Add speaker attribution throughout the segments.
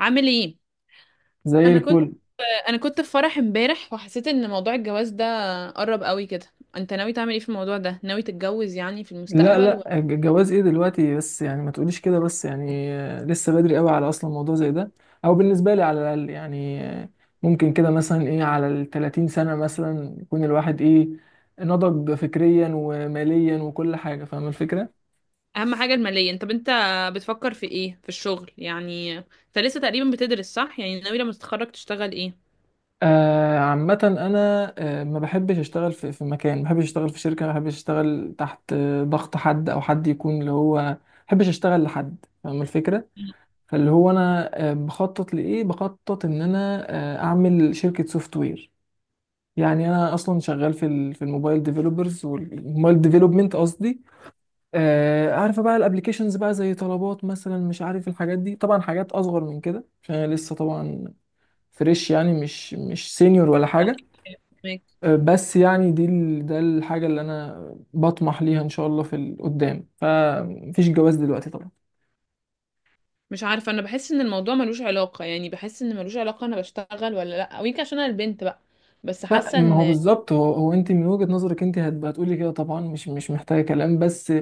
Speaker 1: عامل ايه؟
Speaker 2: زي
Speaker 1: انا كنت
Speaker 2: الفل.
Speaker 1: انا كنت في فرح امبارح وحسيت ان موضوع الجواز ده قرب قوي كده. انت ناوي تعمل ايه في الموضوع ده؟ ناوي تتجوز يعني في
Speaker 2: لا
Speaker 1: المستقبل
Speaker 2: لا الج- الجواز ايه دلوقتي؟ بس يعني ما تقوليش كده. بس يعني لسه بدري قوي على اصلا موضوع زي ده، او بالنسبه لي على الاقل. يعني ممكن كده مثلا ايه على ال 30 سنه مثلا يكون الواحد ايه، نضج فكريا وماليا وكل حاجه. فاهم الفكره؟
Speaker 1: اهم حاجة المالية. انت بتفكر في ايه في الشغل؟ يعني انت لسه تقريبا بتدرس صح؟ يعني ناوي لما تتخرج تشتغل ايه؟
Speaker 2: عامه انا ما بحبش اشتغل في مكان، ما بحبش اشتغل في شركه، ما بحبش اشتغل تحت ضغط حد، او حد يكون اللي هو ما بحبش اشتغل لحد. فاهم الفكره؟
Speaker 1: مم.
Speaker 2: فاللي هو انا بخطط لايه؟ بخطط ان انا اعمل شركه سوفت وير. يعني انا اصلا شغال في الموبايل ديفلوبرز، والموبايل ديفلوبمنت قصدي. عارفه بقى الابليكيشنز بقى، زي طلبات مثلا، مش عارف الحاجات دي. طبعا حاجات اصغر من كده عشان انا لسه طبعا فريش، يعني مش سينيور ولا حاجه.
Speaker 1: فاهمك.
Speaker 2: بس يعني ده الحاجه اللي انا بطمح ليها ان شاء الله في القدام. فمفيش جواز دلوقتي طبعا.
Speaker 1: مش عارفة، انا بحس ان الموضوع ملوش علاقة، يعني بحس ان ملوش علاقة انا بشتغل ولا لا، ويمكن عشان انا البنت بقى، بس
Speaker 2: لا،
Speaker 1: حاسة
Speaker 2: ما هو
Speaker 1: ان
Speaker 2: بالظبط. هو انت من وجهة نظرك انت هتبقى تقولي كده طبعا، مش محتاجة كلام. بس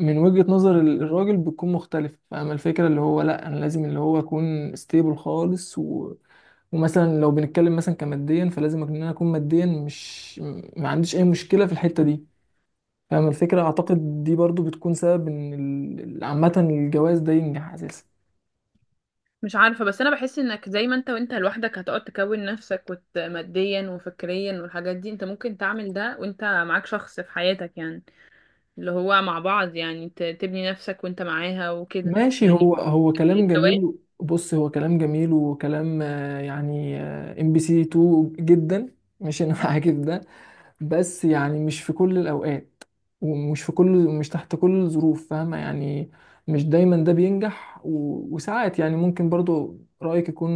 Speaker 2: من وجهة نظر الراجل بتكون مختلفة. فاهمة الفكرة؟ اللي هو لا، انا لازم اللي هو اكون ستيبل خالص، و ومثلا لو بنتكلم مثلا كماديا، فلازم ان انا اكون ماديا مش ما عنديش اي مشكلة في الحتة دي. فاهمة الفكرة؟ اعتقد دي برضو بتكون سبب ان عامة الجواز ده ينجح اساسا.
Speaker 1: مش عارفة. بس أنا بحس إنك زي ما أنت، وأنت لوحدك هتقعد تكون نفسك وت... ماديا وفكريا والحاجات دي، أنت ممكن تعمل ده وأنت معاك شخص في حياتك يعني، اللي هو مع بعض يعني تبني نفسك وأنت معاها وكده
Speaker 2: ماشي،
Speaker 1: يعني.
Speaker 2: هو كلام
Speaker 1: أكيد الجواز
Speaker 2: جميل. بص، هو كلام جميل، وكلام يعني ام بي سي 2 جدا. مش انا معاك في ده، بس يعني مش في كل الاوقات، ومش في كل مش تحت كل الظروف. فاهمة يعني؟ مش دايما ده بينجح، و وساعات يعني ممكن برضو رأيك يكون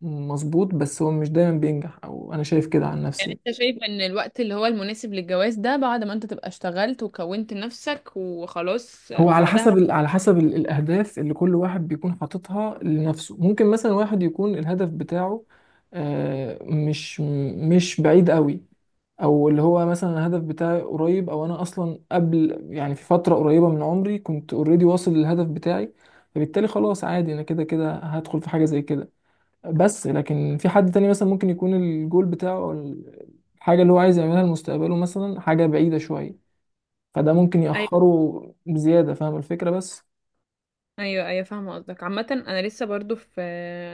Speaker 2: مظبوط، بس هو مش دايما بينجح، او انا شايف كده عن
Speaker 1: يعني.
Speaker 2: نفسي.
Speaker 1: أنت شايف إن الوقت اللي هو المناسب للجواز ده بعد ما أنت تبقى اشتغلت وكونت نفسك وخلاص
Speaker 2: هو على
Speaker 1: بعدها؟
Speaker 2: حسب الأهداف اللي كل واحد بيكون حاططها لنفسه. ممكن مثلا واحد يكون الهدف بتاعه آه، مش مش بعيد قوي، او اللي هو مثلا الهدف بتاعي قريب، او انا اصلا قبل يعني في فترة قريبة من عمري كنت اوريدي واصل للهدف بتاعي. فبالتالي خلاص عادي، انا كده كده هدخل في حاجة زي كده. بس لكن في حد تاني مثلا ممكن يكون الجول بتاعه، او الحاجة اللي هو عايز يعملها لمستقبله مثلا حاجة بعيدة شوية، فده ممكن
Speaker 1: أيوة.
Speaker 2: يأخره بزيادة. فاهم الفكرة؟ بس
Speaker 1: ايوه، ايوه، فاهمه قصدك. عامه انا لسه برضو في،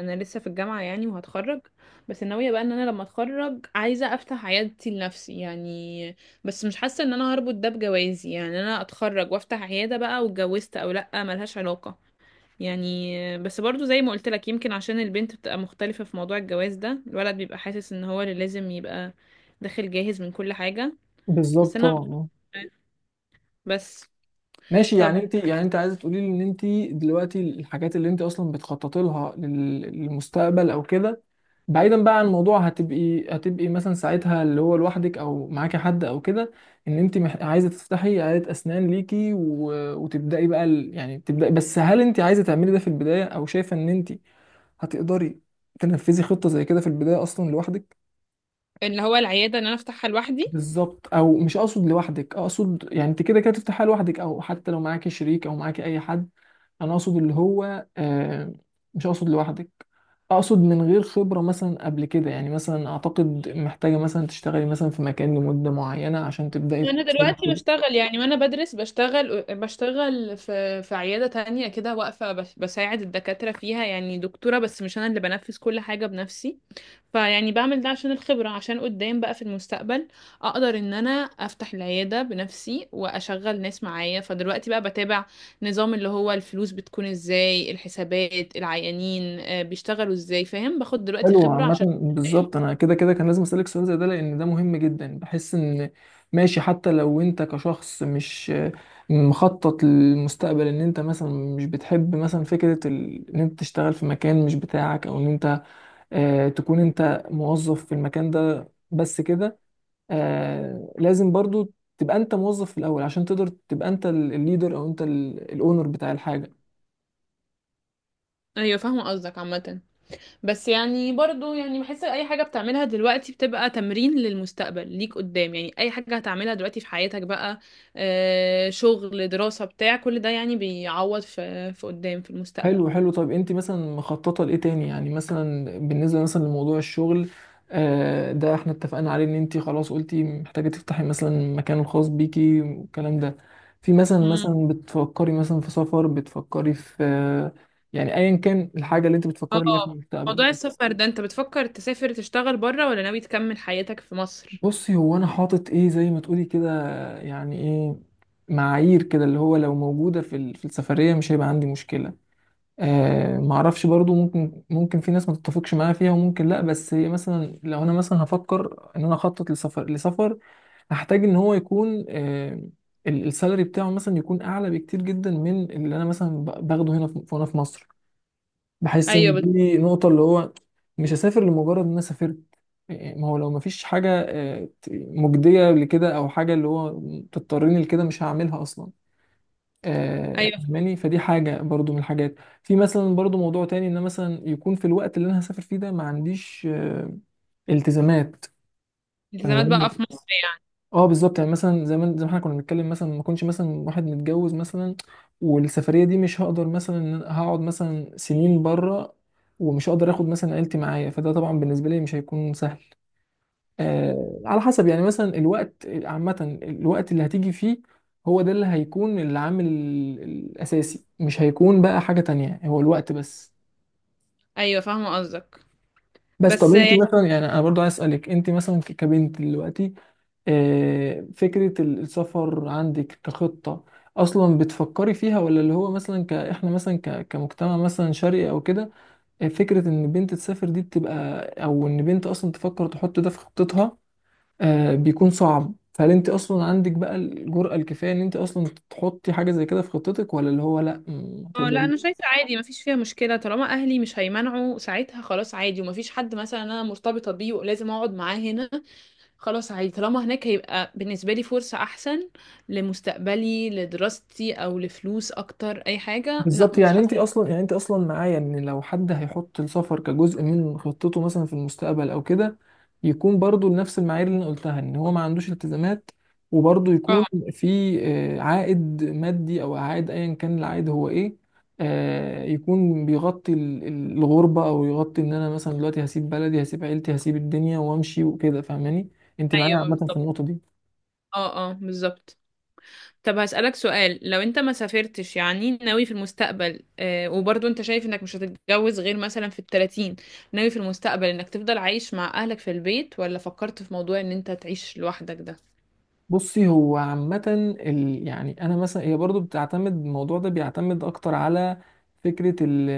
Speaker 1: انا لسه في الجامعه يعني وهتخرج، بس ناويه بقى ان انا لما اتخرج عايزه افتح عيادتي لنفسي يعني. بس مش حاسه ان انا هربط ده بجوازي، يعني انا اتخرج وافتح عياده بقى واتجوزت او لا، ملهاش علاقه يعني. بس برضو زي ما قلت لك، يمكن عشان البنت بتبقى مختلفه في موضوع الجواز ده. الولد بيبقى حاسس ان هو اللي لازم يبقى داخل جاهز من كل حاجه. بس
Speaker 2: بالظبط
Speaker 1: انا،
Speaker 2: طبعا. اه
Speaker 1: بس
Speaker 2: ماشي. يعني
Speaker 1: طب،
Speaker 2: انت يعني انت عايزه تقولي لي ان انت دلوقتي الحاجات اللي انت اصلا بتخططي لها للمستقبل او كده، بعيدا بقى عن الموضوع، هتبقي مثلا ساعتها اللي هو لوحدك، او معاكي حد او كده. ان انت عايزه تفتحي عياده اسنان ليكي، و وتبداي بقى ال يعني تبداي. بس هل انت عايزه تعملي ده في البدايه؟ او شايفه ان انت هتقدري تنفذي خطه زي كده في البدايه اصلا لوحدك؟
Speaker 1: اللي هو العياده ان انا افتحها لوحدي.
Speaker 2: بالظبط. او مش اقصد لوحدك، اقصد يعني انت كده كده تفتحها لوحدك، او حتى لو معاكي شريك او معاكي اي حد. انا اقصد اللي هو مش اقصد لوحدك. اقصد من غير خبرة مثلا قبل كده، يعني مثلا اعتقد محتاجة مثلا تشتغلي مثلا في مكان لمدة معينة عشان تبدأي
Speaker 1: انا
Speaker 2: تكتسبي
Speaker 1: دلوقتي
Speaker 2: خبرة.
Speaker 1: بشتغل يعني وانا بدرس، بشتغل، بشتغل في عياده تانية كده واقفه، بساعد الدكاتره فيها يعني دكتوره، بس مش انا اللي بنفذ كل حاجه بنفسي. فيعني بعمل ده عشان الخبره، عشان قدام بقى في المستقبل اقدر ان انا افتح العياده بنفسي واشغل ناس معايا. فدلوقتي بقى بتابع نظام اللي هو الفلوس بتكون ازاي، الحسابات، العيانين آه، بيشتغلوا ازاي، فاهم، باخد دلوقتي
Speaker 2: حلو.
Speaker 1: خبره
Speaker 2: عامة
Speaker 1: عشان.
Speaker 2: بالظبط، أنا كده كده كان لازم أسألك سؤال زي ده، لأن ده مهم جدا. بحس إن ماشي، حتى لو أنت كشخص مش مخطط للمستقبل، إن أنت مثلا مش بتحب مثلا فكرة ال إن أنت تشتغل في مكان مش بتاعك، أو إن أنت تكون أنت موظف في المكان ده بس كده، لازم برضو تبقى أنت موظف في الأول عشان تقدر تبقى أنت الليدر، أو أنت الأونر بتاع الحاجة.
Speaker 1: ايوه فاهمه قصدك. عامه بس يعني برضو يعني بحس اي حاجة بتعملها دلوقتي بتبقى تمرين للمستقبل ليك قدام، يعني اي حاجة هتعملها دلوقتي في حياتك بقى آه، شغل، دراسة، بتاع كل ده يعني بيعوض في قدام في المستقبل.
Speaker 2: حلو طيب انت مثلا مخططه لايه تاني؟ يعني مثلا بالنسبه مثلا لموضوع الشغل ده احنا اتفقنا عليه، ان انت خلاص قلتي محتاجه تفتحي مثلا المكان الخاص بيكي والكلام ده. في مثلا
Speaker 1: مم.
Speaker 2: بتفكري مثلا في سفر؟ بتفكري في يعني ايا كان الحاجه اللي انت بتفكري ليها في
Speaker 1: اه.
Speaker 2: المستقبل.
Speaker 1: موضوع السفر ده، انت بتفكر تسافر تشتغل بره ولا ناوي تكمل حياتك في مصر؟
Speaker 2: بصي، هو انا حاطط ايه زي ما تقولي كده، يعني ايه، معايير كده، اللي هو لو موجوده في السفريه مش هيبقى عندي مشكله. ما اعرفش برضو، ممكن في ناس ما تتفقش معايا فيها وممكن لا. بس مثلا لو انا مثلا هفكر ان انا اخطط لسفر هحتاج ان هو يكون السالري بتاعه مثلا يكون اعلى بكتير جدا من اللي انا مثلا باخده هنا في في مصر. بحس
Speaker 1: ايوه
Speaker 2: ان دي نقطة. اللي هو مش هسافر لمجرد ان انا سافرت. ما هو لو ما فيش حاجة مجدية لكده، او حاجة اللي هو تضطرني لكده، مش هعملها اصلا.
Speaker 1: ايوه،
Speaker 2: فاهماني؟ فدي حاجة برضو من الحاجات. في مثلا برضو موضوع تاني، ان أنا مثلا يكون في الوقت اللي انا هسافر فيه ده ما عنديش التزامات.
Speaker 1: التزامات بقى
Speaker 2: فاهماني؟
Speaker 1: في مصر يعني؟
Speaker 2: اه بالظبط. يعني مثلا زي ما احنا كنا بنتكلم، مثلا ما كنتش مثلا واحد متجوز مثلا، والسفرية دي مش هقدر مثلا إن أنا هقعد مثلا سنين بره، ومش هقدر اخد مثلا عيلتي معايا، فده طبعا بالنسبة لي مش هيكون سهل. على حسب يعني مثلا الوقت، عامة الوقت اللي هتيجي فيه هو ده اللي هيكون العامل الأساسي، مش هيكون بقى حاجة تانية، هو الوقت بس.
Speaker 1: ايوه فاهمة قصدك.
Speaker 2: بس طب
Speaker 1: بس
Speaker 2: انت مثلا، يعني انا برضو عايز اسالك، انت مثلا كبنت دلوقتي فكره السفر عندك كخطه اصلا بتفكري فيها؟ ولا اللي هو مثلا ك احنا مثلا كمجتمع مثلا شرقي او كده، فكره ان بنت تسافر دي بتبقى، او ان بنت اصلا تفكر تحط ده في خطتها بيكون صعب. فهل انت اصلا عندك بقى الجرأة الكفاية ان انت اصلا تحطي حاجة زي كده في خطتك؟ ولا اللي هو لا ما
Speaker 1: اه، لا
Speaker 2: تقدريش؟
Speaker 1: انا شايفه عادي مفيش فيها مشكله، طالما اهلي مش هيمنعوا ساعتها خلاص عادي، ومفيش حد مثلا انا مرتبطه بيه ولازم اقعد معاه هنا، خلاص عادي. طالما هناك هيبقى بالنسبه لي فرصه احسن لمستقبلي، لدراستي، او لفلوس اكتر، اي حاجه لا،
Speaker 2: بالظبط،
Speaker 1: مش
Speaker 2: يعني انت
Speaker 1: حاسه.
Speaker 2: اصلا معايا ان لو حد هيحط السفر كجزء من خطته مثلا في المستقبل او كده، يكون برضو لنفس المعايير اللي انا قلتها، ان هو ما عندوش التزامات، وبرضو
Speaker 1: اه.
Speaker 2: يكون في عائد مادي، او عائد ايا كان العائد هو ايه، يكون بيغطي الغربة، او يغطي ان انا مثلا دلوقتي هسيب بلدي، هسيب عيلتي، هسيب الدنيا وامشي وكده. فاهماني؟ انت معايا
Speaker 1: ايوه
Speaker 2: عامة في
Speaker 1: بالظبط.
Speaker 2: النقطة دي.
Speaker 1: اه اه بالظبط. طب هسألك سؤال، لو انت ما سافرتش يعني، ناوي في المستقبل آه، وبرضو انت شايف انك مش هتتجوز غير مثلا في 30، ناوي في المستقبل انك تفضل عايش مع اهلك في البيت، ولا فكرت في موضوع ان انت تعيش لوحدك ده؟
Speaker 2: بصي، هو عامة ال يعني أنا مثلا هي برضو بتعتمد، الموضوع ده بيعتمد أكتر على فكرة ال...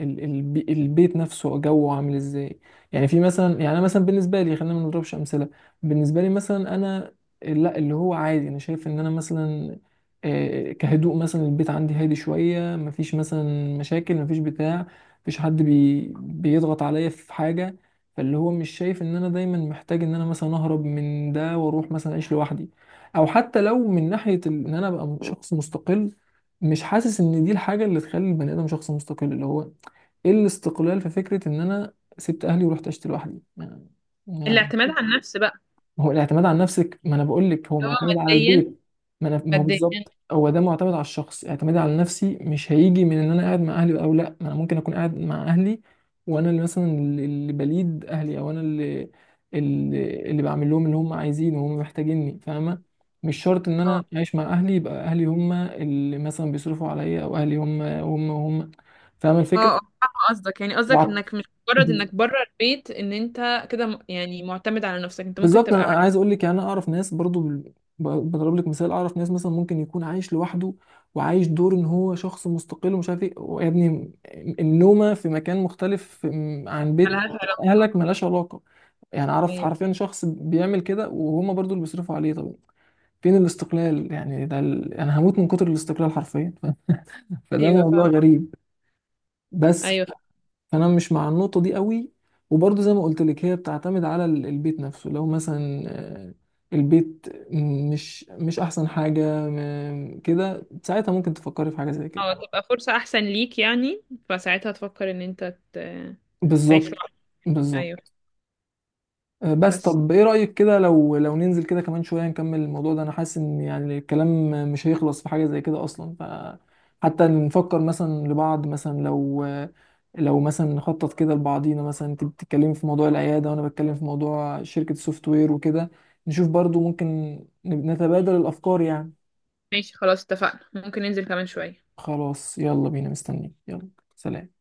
Speaker 2: ال... البي... البيت نفسه جوه عامل إزاي. يعني في مثلا، يعني أنا مثلا بالنسبة لي، خلينا ما نضربش أمثلة. بالنسبة لي مثلا أنا لا، اللي هو عادي، أنا شايف إن أنا مثلا كهدوء مثلا البيت عندي هادي شوية، مفيش مثلا مشاكل، مفيش بتاع، مفيش حد بيضغط عليا في حاجة. فاللي هو مش شايف ان انا دايما محتاج ان انا مثلا اهرب من ده واروح مثلا اعيش لوحدي. او حتى لو من ناحية ان انا ابقى شخص مستقل، مش حاسس ان دي الحاجة اللي تخلي البني ادم شخص مستقل. اللي هو ايه الاستقلال في فكرة ان انا سبت اهلي ورحت عشت لوحدي؟ ما-
Speaker 1: الاعتماد على النفس بقى.
Speaker 2: ما هو الاعتماد على نفسك، ما انا بقول لك هو
Speaker 1: اللي هو
Speaker 2: معتمد على
Speaker 1: ماديا.
Speaker 2: البيت. ما هو
Speaker 1: ماديا.
Speaker 2: بالظبط، هو ده معتمد على الشخص. اعتمادي على نفسي مش هيجي من ان انا قاعد مع اهلي او لا. ما انا ممكن اكون قاعد مع اهلي وانا اللي مثلا اللي بليد اهلي، او انا اللي اللي بعمل لهم اللي هم عايزينه وهم محتاجيني. فاهمه؟ مش شرط ان
Speaker 1: اه
Speaker 2: انا عايش مع اهلي يبقى اهلي هم اللي مثلا بيصرفوا عليا، او اهلي هم فاهمه
Speaker 1: اه،
Speaker 2: الفكره؟
Speaker 1: اه فاهمة قصدك، يعني قصدك
Speaker 2: بعد-
Speaker 1: انك مش مجرد انك بره البيت ان انت كده م- يعني معتمد على نفسك، انت ممكن
Speaker 2: بالظبط.
Speaker 1: تبقى
Speaker 2: أنا
Speaker 1: عايش
Speaker 2: عايز اقول لك، يعني انا اعرف ناس برضو بضرب لك مثال. اعرف ناس مثلا ممكن يكون عايش لوحده، وعايش دور ان هو شخص مستقل ومش عارف ايه. ويا ابني النومه في مكان مختلف عن
Speaker 1: على
Speaker 2: بيت
Speaker 1: هذا.
Speaker 2: اهلك ملهاش علاقه. يعني اعرف
Speaker 1: ايوه.
Speaker 2: حرفيا شخص بيعمل كده وهما برضو اللي بيصرفوا عليه. طب فين الاستقلال؟ يعني ده ال انا هموت من كتر الاستقلال حرفيا فده
Speaker 1: ايوه
Speaker 2: موضوع
Speaker 1: فاهمة.
Speaker 2: غريب بس.
Speaker 1: ايوه فاهمة.
Speaker 2: فانا مش مع النقطه دي قوي، وبرضه زي ما قلت لك، هي بتعتمد على البيت نفسه. لو مثلا البيت مش احسن حاجه كده، ساعتها ممكن تفكري في حاجه زي
Speaker 1: اه،
Speaker 2: كده.
Speaker 1: تبقى فرصة احسن ليك يعني. فساعتها تفكر ان انت تعيش
Speaker 2: بالظبط.
Speaker 1: لوحدك.
Speaker 2: بالظبط.
Speaker 1: ايوه.
Speaker 2: بس
Speaker 1: بس
Speaker 2: طب ايه رأيك كده لو ننزل كده كمان شوية نكمل الموضوع ده؟ انا حاسس ان يعني الكلام مش هيخلص في حاجة زي كده اصلا. ف حتى نفكر مثلا لبعض، مثلا لو مثلا نخطط كده لبعضينا، مثلا انت بتتكلمي في موضوع العيادة، وانا بتكلم في موضوع شركة السوفت وير وكده، نشوف برضو ممكن نتبادل الافكار يعني.
Speaker 1: ماشي، خلاص اتفقنا، ممكن ننزل كمان شوية.
Speaker 2: خلاص يلا بينا، مستنيين. يلا، سلام.